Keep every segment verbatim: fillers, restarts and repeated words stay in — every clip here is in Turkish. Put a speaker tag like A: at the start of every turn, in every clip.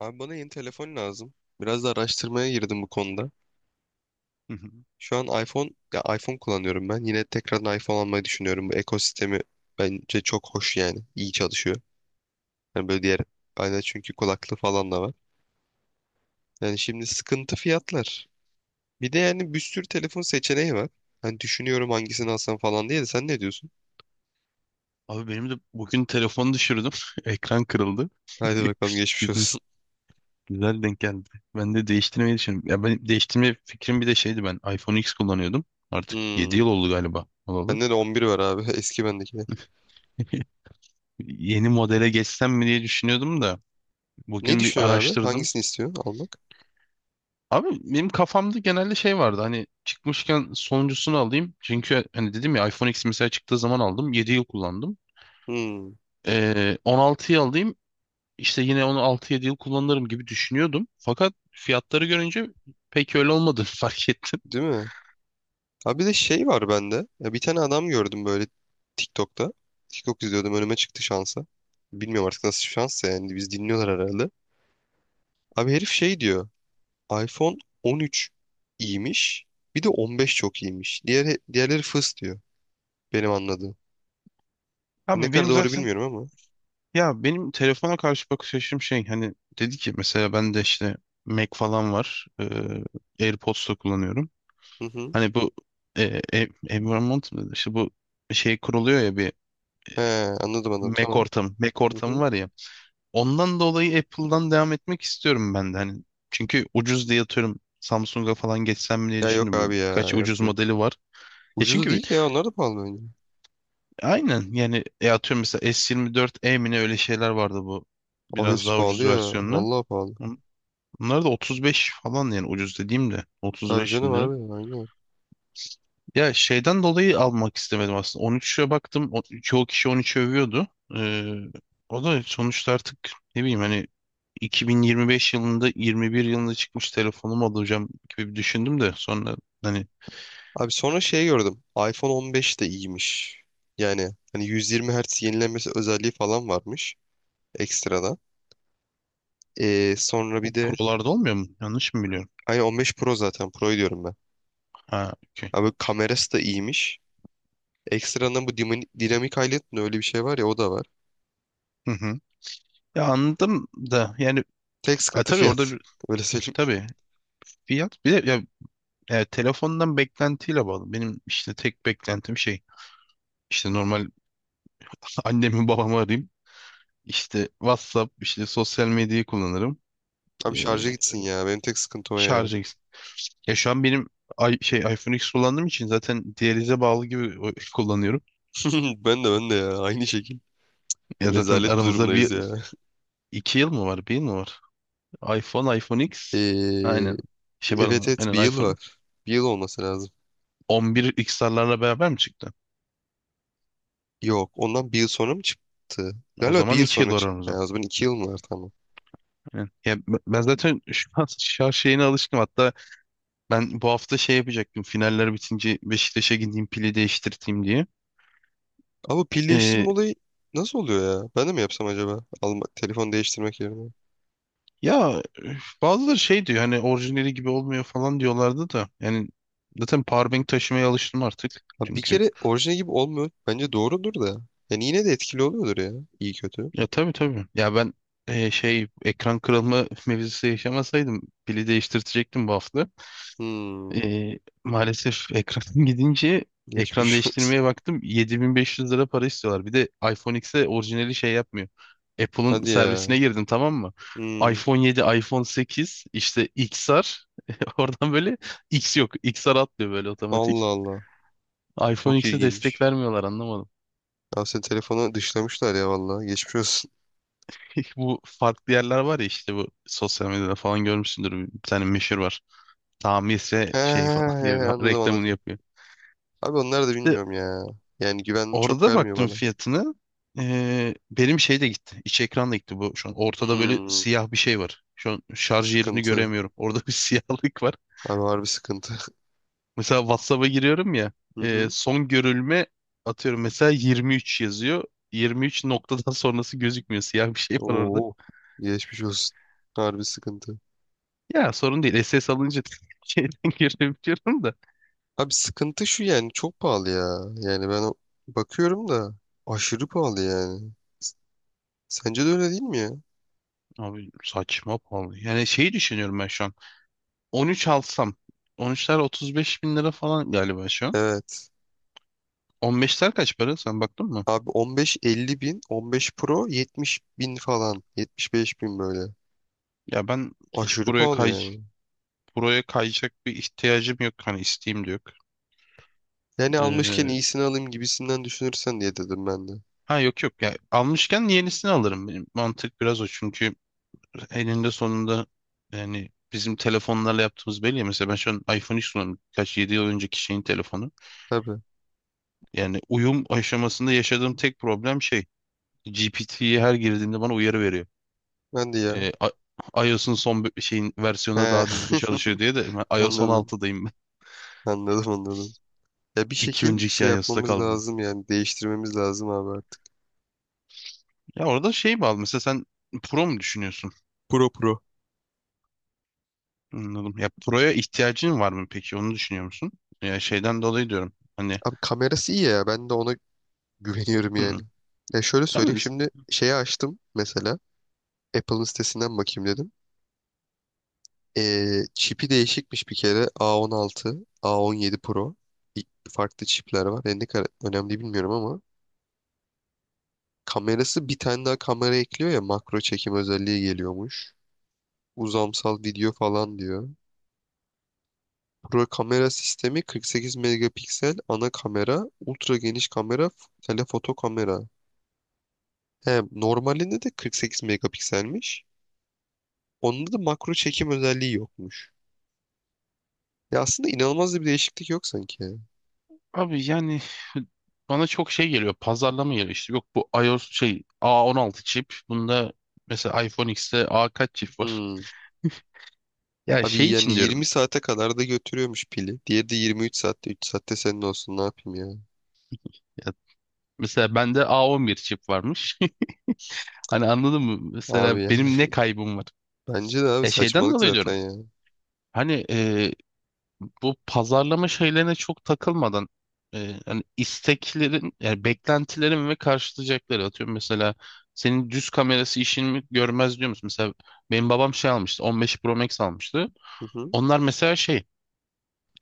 A: Abi bana yeni telefon lazım. Biraz da araştırmaya girdim bu konuda.
B: Hı hı.
A: Şu an iPhone, ya iPhone kullanıyorum ben. Yine tekrardan iPhone almayı düşünüyorum. Bu ekosistemi bence çok hoş yani. İyi çalışıyor. Yani böyle diğer aynen çünkü kulaklığı falan da var. Yani şimdi sıkıntı fiyatlar. Bir de yani bir sürü telefon seçeneği var. Hani düşünüyorum hangisini alsam falan diye de sen ne diyorsun?
B: Abi benim de bugün telefonu düşürdüm. Ekran kırıldı.
A: Haydi bakalım geçmiş
B: Güzel
A: olsun.
B: güzel denk geldi. Ben de değiştirmeyi düşünüyorum. Ya ben değiştirme fikrim bir de şeydi ben. iPhone X kullanıyordum. Artık yedi
A: Hmm.
B: yıl oldu galiba olalı.
A: Bende de on bir var abi. Eski bendeki.
B: Yeni modele geçsem mi diye düşünüyordum da
A: Ne
B: bugün bir
A: düşünüyorsun abi?
B: araştırdım.
A: Hangisini istiyorsun almak?
B: Abi benim kafamda genelde şey vardı hani çıkmışken sonuncusunu alayım. Çünkü hani dedim ya iPhone X mesela çıktığı zaman aldım. Yedi yıl kullandım.
A: Hmm.
B: Ee, on altıyı alayım. İşte yine onu altı yedi yıl kullanırım gibi düşünüyordum. Fakat fiyatları görünce pek öyle olmadığını fark ettim.
A: Değil mi? Abi bir de şey var bende. Ya bir tane adam gördüm böyle TikTok'ta. TikTok izliyordum önüme çıktı şansa. Bilmiyorum artık nasıl şansa yani biz dinliyorlar herhalde. Abi herif şey diyor. iPhone on üç iyiymiş. Bir de on beş çok iyiymiş. Diğer, diğerleri fıs diyor. Benim anladığım. Ne
B: Abi
A: kadar
B: benim
A: doğru
B: zaten
A: bilmiyorum ama.
B: ya benim telefona karşı bakış açım şey hani dedi ki mesela ben de işte Mac falan var. Ee, AirPods da kullanıyorum.
A: Hı hı.
B: Hani bu e, e, environment mı dedi? İşte bu şey kuruluyor ya bir
A: He, anladım anladım,
B: Mac
A: tamam.
B: ortamı. Mac
A: Hı
B: ortamı
A: hı.
B: var ya. Ondan dolayı Apple'dan devam etmek istiyorum ben de. Hani çünkü ucuz diye atıyorum Samsung'a falan geçsem mi diye
A: Ya yok abi,
B: düşündüm.
A: ya
B: Kaç
A: yok
B: ucuz
A: yok.
B: modeli var. E
A: Ucuzu
B: çünkü
A: değil ki ya, onlar da pahalı bence.
B: aynen yani e atıyorum mesela S yirmi dört e mi ne öyle şeyler vardı bu.
A: Abi
B: Biraz
A: hepsi
B: daha
A: pahalı
B: ucuz
A: ya.
B: versiyonlu.
A: Vallahi pahalı.
B: Bun- Bunlar da otuz beş falan yani ucuz dediğim de
A: Tabii
B: otuz beş
A: canım
B: bin lira.
A: abi, aynen.
B: Ya şeyden dolayı almak istemedim aslında. on üçe baktım. O- Çoğu kişi on üçü övüyordu. Ee, O da sonuçta artık ne bileyim hani iki bin yirmi beş yılında yirmi bir yılında çıkmış telefonumu alacağım gibi bir düşündüm de sonra hani
A: Abi sonra şey gördüm. iPhone on beş de iyiymiş. Yani hani yüz yirmi hertz Hz yenilenmesi özelliği falan varmış ekstradan. Ee, sonra
B: o
A: bir de
B: prolarda olmuyor mu? Yanlış mı biliyorum?
A: aynı on beş Pro, zaten Pro'yu diyorum ben.
B: Ha, okey.
A: Abi kamerası da iyiymiş. Ekstradan bu dimin- dinamik highlight mi öyle bir şey var ya, o da var.
B: Hı hı. Ya anladım da yani
A: Tek
B: e,
A: sıkıntı
B: tabii orada
A: fiyat.
B: bir,
A: Öyle söyleyeyim.
B: tabii fiyat bir de ya, e, telefondan beklentiyle bağlı. Benim işte tek beklentim şey işte normal annemi babamı arayayım. İşte WhatsApp işte sosyal medyayı kullanırım.
A: Abi
B: E,
A: şarja gitsin ya. Benim tek sıkıntı o yani.
B: şarj eks- Ya şu an benim i- şey iPhone X kullandığım için zaten diyalize bağlı gibi o- kullanıyorum.
A: Ben de, ben de ya. Aynı şekil.
B: Ya zaten
A: Rezalet bir
B: aramızda
A: durumdayız
B: bir
A: ya.
B: iki yıl mı var? Bir yıl mı var? iPhone, iPhone X.
A: Ee,
B: Aynen. Şey
A: evet
B: pardon.
A: evet bir
B: Aynen
A: yıl
B: iPhone.
A: var. Bir yıl olması lazım.
B: on bir X R'larla beraber mi çıktı?
A: Yok. Ondan bir yıl sonra mı çıktı?
B: O
A: Galiba bir
B: zaman
A: yıl
B: iki yıl
A: sonra
B: var
A: çıktı. Yani
B: aramızda.
A: o zaman iki yıl mı var, tamam.
B: Aynen. Ya b- ben zaten şu an şarj şeyine alışkınım. Hatta ben bu hafta şey yapacaktım. Finaller bitince Beşiktaş'a gideyim pili değiştirteyim diye.
A: Ama pil
B: Ee,
A: değiştirme olayı nasıl oluyor ya? Ben de mi yapsam acaba? Alma, telefon değiştirmek yerine.
B: Ya bazıları şey diyor hani orijinali gibi olmuyor falan diyorlardı da. Yani zaten powerbank taşımaya alıştım artık.
A: Ha, bir
B: Çünkü.
A: kere orijinal gibi olmuyor. Bence doğrudur da. Yani yine de etkili oluyordur ya. İyi kötü.
B: Ya tabii tabii. Ya ben e, şey ekran kırılma mevzusu yaşamasaydım pili değiştirtecektim bu hafta.
A: Hmm.
B: E, Maalesef ekran gidince ekran
A: Geçmiş olsun.
B: değiştirmeye baktım yedi bin beş yüz lira para istiyorlar. Bir de iPhone X'e orijinali şey yapmıyor. Apple'ın
A: Hadi ya.
B: servisine girdim tamam mı?
A: Hmm.
B: iPhone yedi, iPhone sekiz işte X R oradan böyle X yok. X R atlıyor böyle
A: Allah
B: otomatik.
A: Allah.
B: iPhone
A: Çok
B: X'e destek
A: ilginç.
B: vermiyorlar anlamadım.
A: Ya sen, telefonu dışlamışlar ya vallahi. Geçmiş olsun.
B: Bu farklı yerler var ya işte bu sosyal medyada falan görmüşsündür. Bir tane meşhur var. Tamirse
A: He, he,
B: şey falan diye bir
A: he, anladım
B: reklamını
A: anladım.
B: yapıyor.
A: Abi onlar da
B: İşte
A: bilmiyorum ya. Yani güven çok
B: orada
A: vermiyor
B: baktım
A: bana.
B: fiyatını. Ee, benim şey de gitti. İç ekran da gitti bu. Şu an ortada böyle
A: Hmm.
B: siyah bir şey var. Şu an şarj yerini
A: Sıkıntı.
B: göremiyorum. Orada bir siyahlık var.
A: Abi harbi sıkıntı.
B: Mesela WhatsApp'a giriyorum ya.
A: Hı
B: Ee,
A: hı.
B: son görülme atıyorum mesela yirmi üç yazıyor. yirmi üç noktadan sonrası gözükmüyor. Siyah bir şey var orada.
A: Oo. Geçmiş olsun. Harbi sıkıntı.
B: Ya sorun değil. S S alınca şeyden görebiliyorum da.
A: Abi sıkıntı şu yani, çok pahalı ya. Yani ben o- bakıyorum da aşırı pahalı yani. Sence de öyle değil mi ya?
B: Abi saçma pahalı. Yani şeyi düşünüyorum ben şu an. on üç alsam. on üçler otuz beş bin lira falan galiba şu an.
A: Evet.
B: on beşler kaç para? Sen baktın mı?
A: Abi on beş elli bin, on beş Pro yetmiş bin falan. yetmiş beş bin böyle.
B: Ya ben hiç
A: Aşırı
B: buraya
A: pahalı
B: kay
A: yani.
B: buraya kayacak bir ihtiyacım yok. Hani isteğim de yok.
A: Yani almışken
B: Ee,
A: iyisini alayım gibisinden düşünürsen diye dedim ben de.
B: ha, yok yok. Ya almışken yenisini alırım. Benim mantık biraz o. Çünkü eninde sonunda yani bizim telefonlarla yaptığımız belli ya. Mesela ben şu an iPhone X kullanıyorum. Kaç yedi yıl önceki şeyin telefonu.
A: Tabii.
B: Yani uyum aşamasında yaşadığım tek problem şey. G P T'ye her girdiğinde bana uyarı veriyor.
A: Ben de ya.
B: Ee, I- iOS'un son bir- şeyin versiyonu daha düzgün
A: He.
B: çalışıyor diye de ben iOS
A: Anladım.
B: on altıdayım ben.
A: Anladım anladım. Ya bir
B: İki
A: şekil
B: önceki
A: şey
B: iOS'ta
A: yapmamız
B: kaldım.
A: lazım, yani değiştirmemiz lazım abi artık.
B: Ya orada şey bağlı mesela sen Pro mu düşünüyorsun?
A: Pro, pro.
B: Anladım. Ya Pro'ya ihtiyacın var mı peki? Onu düşünüyor musun? Ya şeyden dolayı diyorum. Hani
A: Abi kamerası iyi ya, ben de ona güveniyorum yani.
B: hı.
A: Ya şöyle
B: Ama
A: söyleyeyim, şimdi şeyi açtım mesela, Apple'ın sitesinden bakayım dedim. Ee, çipi değişikmiş bir kere, A on altı, A on yedi Pro. Bir- Farklı çipler var. Yani ne kadar önemli bilmiyorum ama. Kamerası bir tane daha kamera ekliyor ya, makro çekim özelliği geliyormuş. Uzamsal video falan diyor. Pro kamera sistemi kırk sekiz megapiksel ana kamera, ultra geniş kamera, telefoto kamera. He, normalinde de kırk sekiz megapikselmiş. Onda da makro çekim özelliği yokmuş. Ya aslında inanılmaz da bir değişiklik yok sanki ya.
B: abi yani bana çok şey geliyor. Pazarlama geliyor işte. Yok bu iOS şey A on altı çip. Bunda mesela iPhone X'te A kaç çip var?
A: Hmm.
B: Ya
A: Abi
B: şey
A: yani
B: için
A: yirmi
B: diyorum.
A: saate kadar da götürüyormuş pili. Diğeri de yirmi üç saatte. üç saatte senin olsun, ne yapayım ya.
B: Mesela bende A on bir çip varmış. Hani anladın mı? Mesela
A: Abi yani.
B: benim ne kaybım var?
A: Bence de abi
B: E şeyden
A: saçmalık
B: dolayı
A: zaten
B: diyorum.
A: ya.
B: Hani e, bu pazarlama şeylerine çok takılmadan e, hani isteklerin yani beklentilerin ve karşılayacakları atıyorum mesela senin düz kamerası işini mi görmez diyor musun? Mesela benim babam şey almıştı on beş Pro Max almıştı.
A: Hı hı.
B: Onlar mesela şey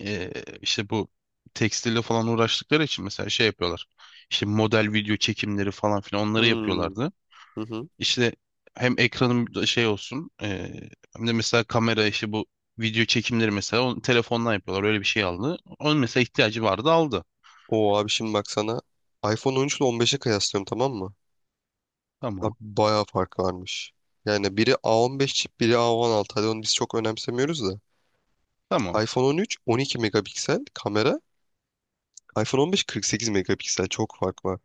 B: e, işte bu tekstille falan uğraştıkları için mesela şey yapıyorlar. İşte model video çekimleri falan filan onları
A: Hmm.
B: yapıyorlardı.
A: Hı hı.
B: İşte hem ekranım da şey olsun eee, hem de mesela kamera işi bu video çekimleri mesela onu telefondan yapıyorlar öyle bir şey aldı. Onun mesela ihtiyacı vardı aldı.
A: Oo abi, şimdi bak sana iPhone on üç ile on beşe kıyaslıyorum, tamam mı? Abi
B: Tamam.
A: bayağı fark varmış. Yani biri A on beş çip, biri A on altı. Hadi onu biz çok önemsemiyoruz da.
B: Tamam.
A: iPhone on üç on iki megapiksel kamera. iPhone on beş kırk sekiz megapiksel. Çok fark var.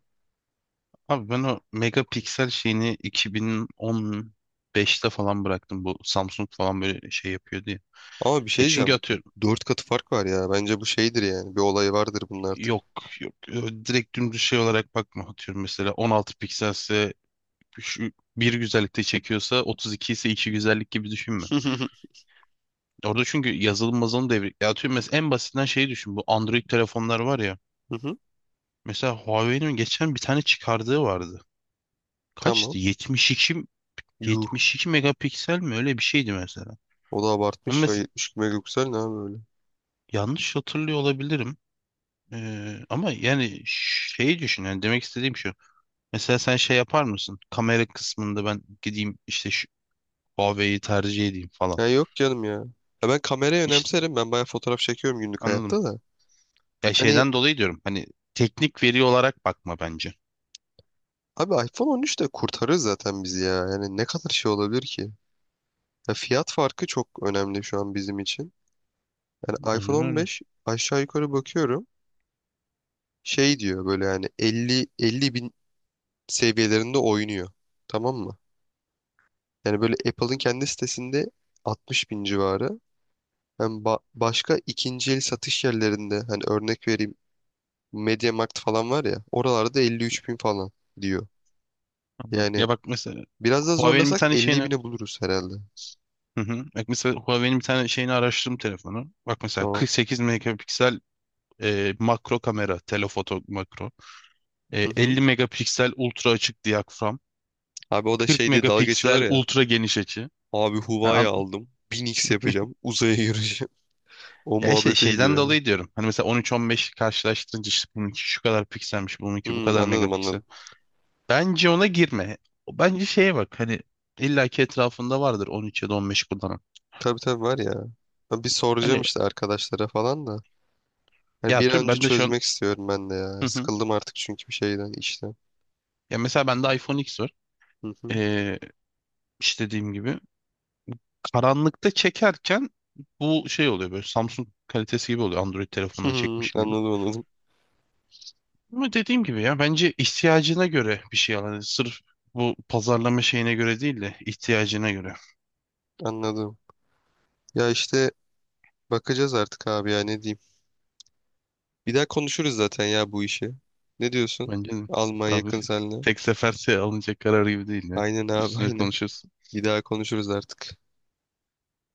B: Abi ben o megapiksel şeyini iki bin on beşte falan bıraktım. Bu Samsung falan böyle şey yapıyor diye.
A: Ama bir
B: E
A: şey
B: çünkü
A: diyeceğim,
B: atıyorum
A: dört katı fark var ya. Bence bu şeydir yani. Bir olay vardır bunun artık.
B: yok yok e, direkt dümdüz şey olarak bakma atıyorum mesela on altı pikselse şu bir güzellikte çekiyorsa otuz iki ise iki güzellik gibi düşünme. Orada çünkü yazılım mazılım devri. Ya atıyorum mesela en basitinden şeyi düşün. Bu Android telefonlar var ya.
A: Hı hı.
B: Mesela Huawei'nin geçen bir tane çıkardığı vardı.
A: Tamam.
B: Kaçtı?
A: Yuh.
B: 72 iki megapiksel mi? Öyle bir şeydi mesela.
A: O da abartmış
B: Ama
A: ya.
B: mes-
A: yetmiş iki megapiksel ne abi öyle.
B: yanlış hatırlıyor olabilirim. Ee, ama yani şeyi düşün. Yani demek istediğim şu. Mesela sen şey yapar mısın? Kamera kısmında ben gideyim işte şu Huawei'yi tercih edeyim falan.
A: Ya yok canım ya. Ya ben kamerayı
B: İşte
A: önemserim. Ben bayağı fotoğraf çekiyorum günlük
B: anladım.
A: hayatta da.
B: Ya
A: Hani
B: şeyden dolayı diyorum. Hani teknik veri olarak bakma bence.
A: abi iPhone on üç de kurtarır zaten bizi ya. Yani ne kadar şey olabilir ki? Ya fiyat farkı çok önemli şu an bizim için. Yani iPhone
B: Aynen öyle.
A: on beş aşağı yukarı bakıyorum. Şey diyor böyle, yani elli elli bin seviyelerinde oynuyor. Tamam mı? Yani böyle Apple'ın kendi sitesinde altmış bin civarı. Hem ba- başka ikinci el satış yerlerinde, hani örnek vereyim, MediaMarkt falan var ya, oralarda elli üç bin falan diyor.
B: Anladım.
A: Yani
B: Ya bak mesela
A: biraz da
B: Huawei'nin bir
A: zorlasak
B: tane
A: elli
B: şeyini.
A: bine buluruz herhalde.
B: Hı hı. Bak mesela Huawei'nin bir tane şeyini araştırdım telefonu. Bak mesela
A: Tamam.
B: kırk sekiz megapiksel e, makro kamera, telefoto makro. E,
A: Hı hı.
B: elli megapiksel ultra açık diyafram.
A: Abi o da
B: kırk
A: şey diye dalga geçiyorlar
B: megapiksel
A: ya.
B: ultra geniş açı.
A: Abi
B: Ha,
A: Huawei
B: an-
A: aldım. bin x yapacağım. Uzaya gireceğim. O
B: ya şey
A: muhabbete
B: şeyden
A: gidiyor ya.
B: dolayı diyorum. Hani mesela on üç on beş karşılaştırınca işte bununki şu kadar pikselmiş, bununki bu
A: Hmm,
B: kadar
A: anladım
B: megapiksel.
A: anladım.
B: Bence ona girme. Bence şeye bak hani illaki etrafında vardır on üç ya da on beş kullanan.
A: Tabii tabii var ya. Ben bir soracağım
B: Hani
A: işte arkadaşlara falan da. Hani
B: ya
A: bir an
B: tüm
A: önce
B: ben de şu an.
A: çözmek istiyorum ben de ya.
B: Hı hı.
A: Sıkıldım artık çünkü bir şeyden, işten.
B: Ya mesela bende iPhone X var.
A: Hı hı.
B: Ee, işte dediğim gibi karanlıkta çekerken bu şey oluyor böyle Samsung kalitesi gibi oluyor Android telefondan çekmişim gibi.
A: Anladım anladım.
B: Ama dediğim gibi ya bence ihtiyacına göre bir şey al. Hani sırf bu pazarlama şeyine göre değil de ihtiyacına göre.
A: Anladım. Ya işte bakacağız artık abi ya, ne diyeyim. Bir daha konuşuruz zaten ya bu işi. Ne diyorsun?
B: Bence de.
A: Almanya
B: Abi
A: yakın seninle.
B: tek sefer şey alınacak karar gibi değil ya.
A: Aynen abi,
B: Üstüne
A: aynen.
B: konuşuruz.
A: Bir daha konuşuruz artık.